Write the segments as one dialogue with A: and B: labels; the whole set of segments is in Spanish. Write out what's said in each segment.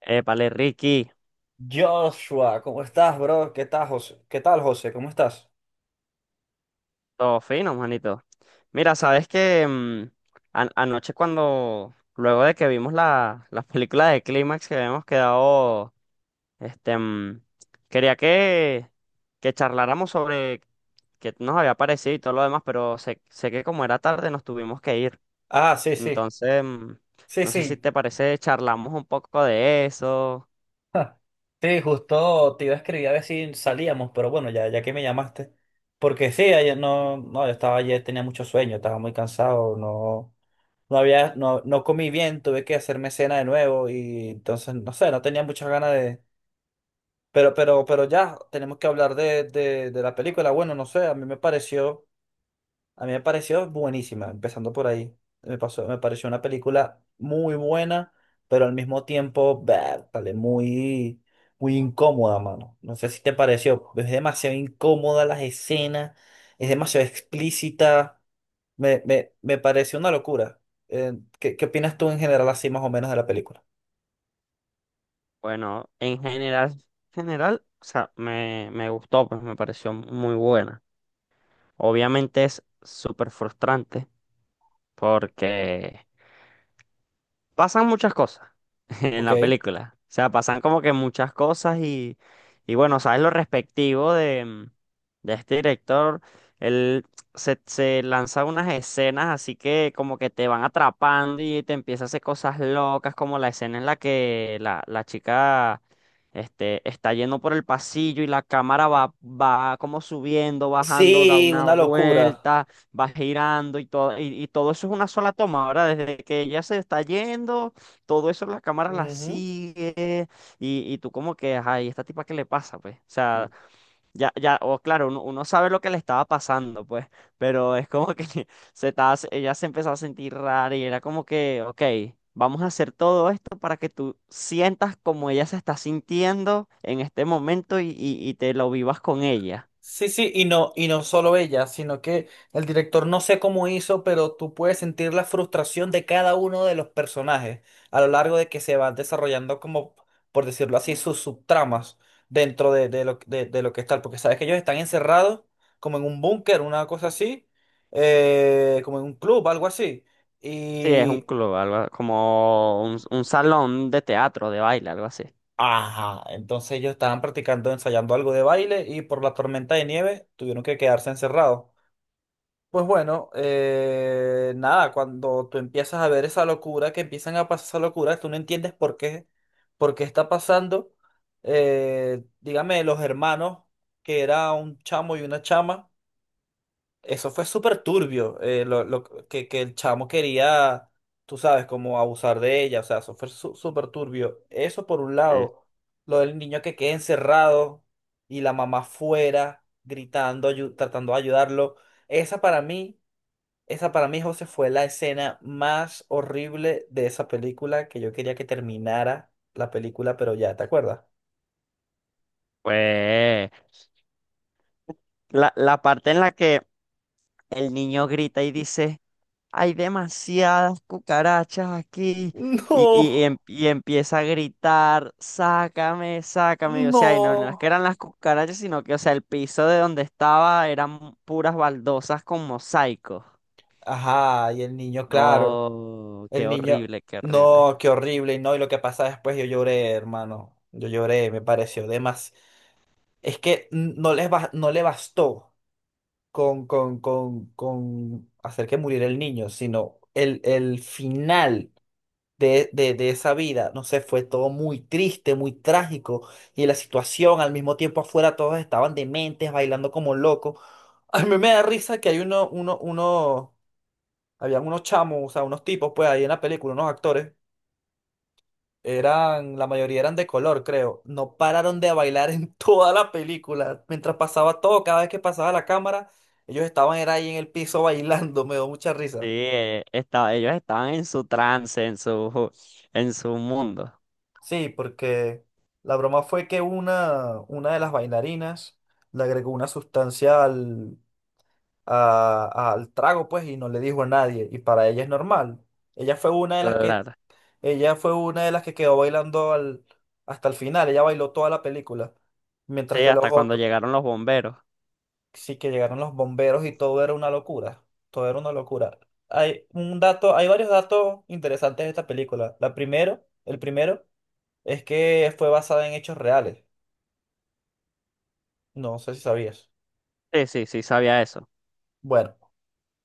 A: Épale, Ricky,
B: Joshua, ¿cómo estás, bro? ¿Qué tal, José? ¿Qué tal, José? ¿Cómo estás?
A: todo fino, manito. Mira, sabes que anoche cuando, luego de que vimos la película de Clímax que habíamos quedado, este, mm, quería que charláramos sobre qué nos había parecido y todo lo demás, pero sé que como era tarde nos tuvimos que ir.
B: Ah, sí, sí,
A: Entonces,
B: sí,
A: no sé si
B: sí.
A: te parece, charlamos un poco de eso.
B: Sí, justo te iba a escribir a ver si salíamos, pero bueno, ya que me llamaste. Porque sí, ayer no, no, yo estaba ayer, tenía mucho sueño, estaba muy cansado, no había, no, comí bien, tuve que hacerme cena de nuevo y entonces, no sé, no tenía muchas ganas de... Pero ya, tenemos que hablar de la película. Bueno, no sé, a mí me pareció. A mí me pareció buenísima, empezando por ahí. Me pareció una película muy buena, pero al mismo tiempo, vértale, muy incómoda, mano. No sé si te pareció. Es demasiado incómoda las escenas, es demasiado explícita. Me pareció una locura. ¿Qué opinas tú en general así más o menos de la película?
A: Bueno, en general, general, o sea, me gustó, pues me pareció muy buena. Obviamente es súper frustrante porque pasan muchas cosas. En
B: Ok.
A: la película. O sea, pasan como que muchas cosas y bueno, sabes lo respectivo de, de este director. Él se lanza unas escenas así que como que te van atrapando y te empieza a hacer cosas locas, como la escena en la que la chica este, está yendo por el pasillo y la cámara va como subiendo, bajando, da
B: Sí,
A: una
B: una locura.
A: vuelta, va girando y todo eso es una sola toma, ¿verdad? Desde que ella se está yendo todo eso la cámara la
B: Ujú.
A: sigue y tú como que, ay, ¿esta tipa qué le pasa, pues? O sea, ya, ya, o claro, uno sabe lo que le estaba pasando, pues, pero es como que se estaba, ella se empezó a sentir rara y era como que, ok, vamos a hacer todo esto para que tú sientas como ella se está sintiendo en este momento y te lo vivas con ella.
B: Sí, sí, y no solo ella, sino que el director no sé cómo hizo, pero tú puedes sentir la frustración de cada uno de los personajes a lo largo de que se van desarrollando como, por decirlo así, sus subtramas dentro de lo que está, porque sabes que ellos están encerrados como en un búnker, una cosa así, como en un club, algo así,
A: Sí, es un
B: y...
A: club, algo como un salón de teatro, de baile, algo así.
B: Ajá, entonces ellos estaban practicando, ensayando algo de baile y por la tormenta de nieve tuvieron que quedarse encerrados. Pues bueno, nada, cuando tú empiezas a ver esa locura, que empiezan a pasar esa locura, tú no entiendes por qué está pasando. Dígame, los hermanos, que era un chamo y una chama, eso fue súper turbio, lo que el chamo quería, tú sabes, como abusar de ella, o sea, eso fue su- súper turbio. Eso por un
A: Sí.
B: lado, lo del niño que queda encerrado y la mamá fuera, gritando, ayu- tratando de ayudarlo. Esa para mí. Esa para mí, José, fue la escena más horrible de esa película que yo quería que terminara la película, pero ya, ¿te acuerdas?
A: Pues la parte en la que el niño grita y dice, hay demasiadas cucarachas aquí. Y,
B: No,
A: y empieza a gritar, sácame, sácame. Y, o sea, y no, no es
B: no.
A: que eran las cucarachas, sino que, o sea, el piso de donde estaba eran puras baldosas con mosaicos.
B: Ajá, y el niño, claro.
A: No,
B: El
A: qué
B: niño,
A: horrible, qué horrible.
B: no, qué horrible, y no, y lo que pasa después, yo lloré, hermano. Yo lloré, me pareció de más. Es que n- no les bas- no le bastó con hacer que muriera el niño, sino el final. De esa vida, no sé, fue todo muy triste, muy trágico, y la situación, al mismo tiempo afuera todos estaban dementes, bailando como locos. A mí me da risa que hay uno, habían unos chamos, o sea, unos tipos, pues ahí en la película, unos actores, eran, la mayoría eran de color, creo, no pararon de bailar en toda la película, mientras pasaba todo, cada vez que pasaba la cámara, ellos estaban era ahí en el piso bailando, me dio mucha
A: Sí,
B: risa.
A: ellos estaban en su trance, en su mundo.
B: Sí, porque la broma fue que una de las bailarinas le agregó una sustancia al, a- al trago, pues, y no le dijo a nadie. Y para ella es normal. Ella fue una de las que,
A: Claro.
B: ella fue una de las que quedó bailando al, hasta el final. Ella bailó toda la película. Mientras
A: Sí,
B: que los
A: hasta cuando
B: otros,
A: llegaron los bomberos.
B: sí que llegaron los bomberos y todo era una locura. Todo era una locura. Hay un dato, hay varios datos interesantes de esta película. El primero es que fue basada en hechos reales. No sé si sabías.
A: Sí, sí, sí, sabía eso.
B: Bueno,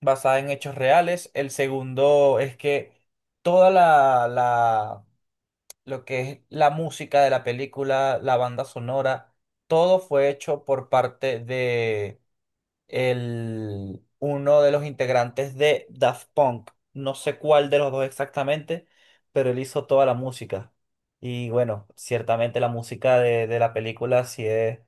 B: basada en hechos reales. El segundo es que toda la lo que es la música de la película, la banda sonora, todo fue hecho por parte uno de los integrantes de Daft Punk. No sé cuál de los dos exactamente, pero él hizo toda la música. Y bueno, ciertamente la música de la película sí es,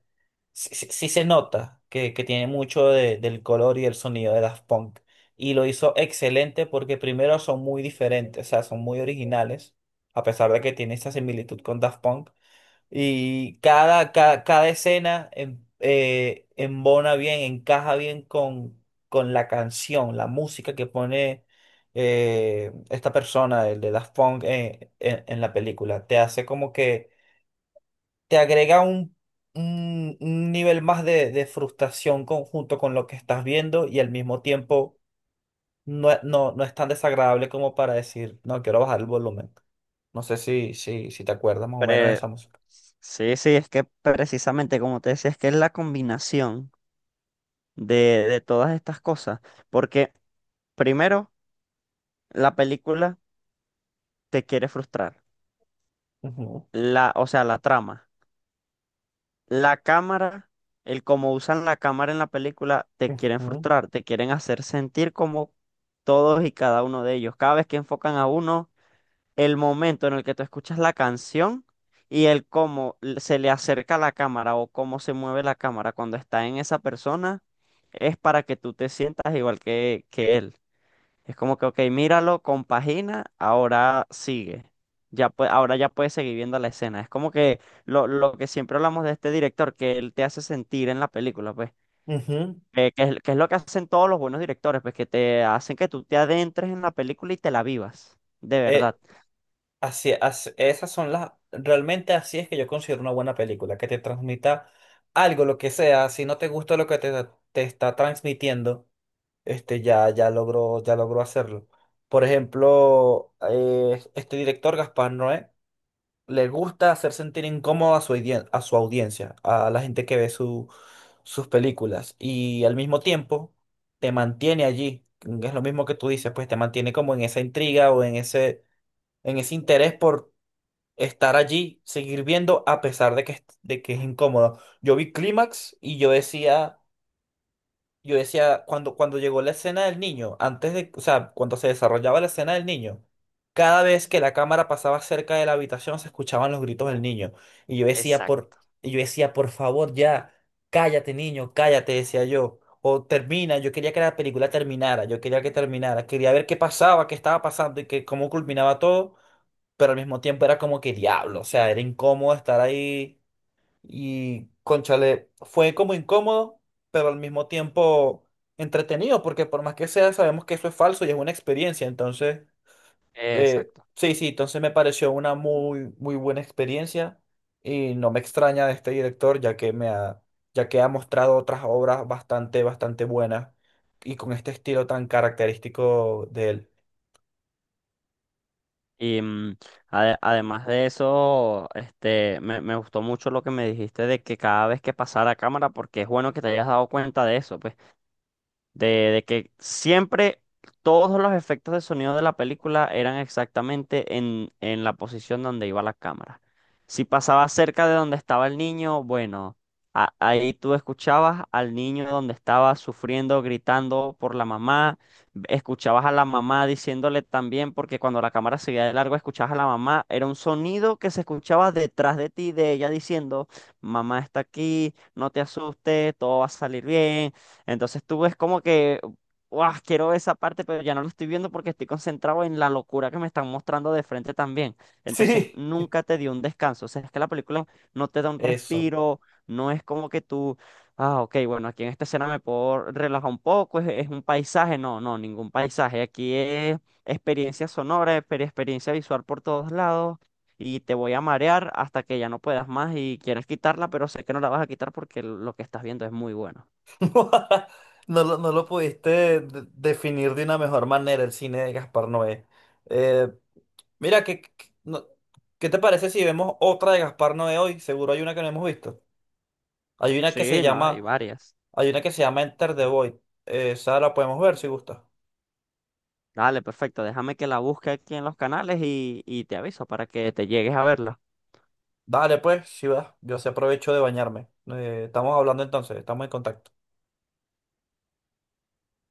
B: sí se nota que tiene mucho de- del color y el sonido de Daft Punk. Y lo hizo excelente porque primero son muy diferentes, o sea, son muy originales, a pesar de que tiene esa similitud con Daft Punk. Y cada escena en- embona bien, encaja bien con la canción, la música que pone esta persona, el de Daft Punk, en la película. Te hace como que te agrega un nivel más de frustración con- junto con lo que estás viendo y al mismo tiempo no, es- no, no es tan desagradable como para decir, no, quiero bajar el volumen. No sé si te acuerdas más o menos de
A: Pre-
B: esa música.
A: Sí, sí, es que precisamente como te decía, es que es la combinación de, de todas estas cosas. Porque primero, la película te quiere frustrar.
B: Ujú,
A: La, o sea, la trama. La cámara, el cómo usan la cámara en la película, te quieren
B: ujú.
A: frustrar, te quieren hacer sentir como todos y cada uno de ellos. Cada vez que enfocan a uno, el momento en el que tú escuchas la canción y el cómo se le acerca la cámara o cómo se mueve la cámara cuando está en esa persona, es para que tú te sientas igual que él. Es como que, ok, míralo, compagina, ahora sigue. Ahora ya puedes seguir viendo la escena. Es como que lo que siempre hablamos de este director, que él te hace sentir en la película, pues.
B: Ujú.
A: Eh, que que es lo que hacen todos los buenos directores, pues que te hacen que tú te adentres en la película y te la vivas, de
B: Eh,
A: verdad.
B: esas son las, realmente así es que yo considero una buena película, que te transmita algo, lo que sea, si no te gusta lo que te está transmitiendo, este, ya, ya logró hacerlo. Por ejemplo, este director, Gaspar Noé, le gusta hacer sentir incómodo a su, audien- a su audiencia, a la gente que ve su, sus películas, y al mismo tiempo te mantiene allí. Es lo mismo que tú dices, pues te mantiene como en esa intriga o en ese interés por estar allí, seguir viendo a pesar de que es incómodo. Yo vi Clímax y yo decía, cuando, cuando llegó la escena del niño, antes de, o sea, cuando se desarrollaba la escena del niño, cada vez que la cámara pasaba cerca de la habitación se escuchaban los gritos del niño. Y yo decía, por,
A: Exacto.
B: y yo decía, por favor, ya, cállate, niño, cállate, decía yo. O termina, yo quería que la película terminara, yo quería que terminara, quería ver qué pasaba, qué estaba pasando y que, cómo culminaba todo pero al mismo tiempo era como que diablo, o sea, era incómodo estar ahí y, cónchale, fue como incómodo, pero al mismo tiempo entretenido, porque por más que sea, sabemos que eso es falso y es una experiencia, entonces,
A: Exacto.
B: sí, sí, entonces me pareció una muy, muy buena experiencia y no me extraña de este director, ya que me ha, ya que ha mostrado otras obras bastante, bastante buenas y con este estilo tan característico de él.
A: Y además de eso, este, me gustó mucho lo que me dijiste de que cada vez que pasara cámara, porque es bueno que te hayas dado cuenta de eso, pues. De que siempre todos los efectos de sonido de la película eran exactamente en la posición donde iba la cámara. Si pasaba cerca de donde estaba el niño, bueno, ahí tú escuchabas al niño donde estaba sufriendo, gritando por la mamá, escuchabas a la mamá diciéndole también, porque cuando la cámara seguía de largo, escuchabas a la mamá, era un sonido que se escuchaba detrás de ti, de ella diciendo, mamá está aquí, no te asustes, todo va a salir bien. Entonces tú ves como que, ¡guau! Quiero esa parte, pero ya no lo estoy viendo porque estoy concentrado en la locura que me están mostrando de frente también. Entonces
B: Sí,
A: nunca te dio un descanso. O sea, es que la película no te da un
B: eso.
A: respiro, no es como que tú, ah, ok, bueno, aquí en esta escena me puedo relajar un poco, es un paisaje. No, no, ningún paisaje. Aquí es experiencia sonora, experiencia visual por todos lados. Y te voy a marear hasta que ya no puedas más y quieres quitarla, pero sé que no la vas a quitar porque lo que estás viendo es muy bueno.
B: No lo pudiste de- definir de una mejor manera el cine de Gaspar Noé. Eh, mira, ¿qué te parece si vemos otra de Gaspar Noé hoy? Seguro hay una que no hemos visto. Hay una que se
A: Sí, no, hay
B: llama,
A: varias.
B: hay una que se llama Enter the Void. Esa la podemos ver si gusta.
A: Dale, perfecto. Déjame que la busque aquí en los canales y te aviso para que te llegues a verla.
B: Dale pues, si vas. Yo se aprovecho de bañarme. Estamos hablando entonces, estamos en contacto.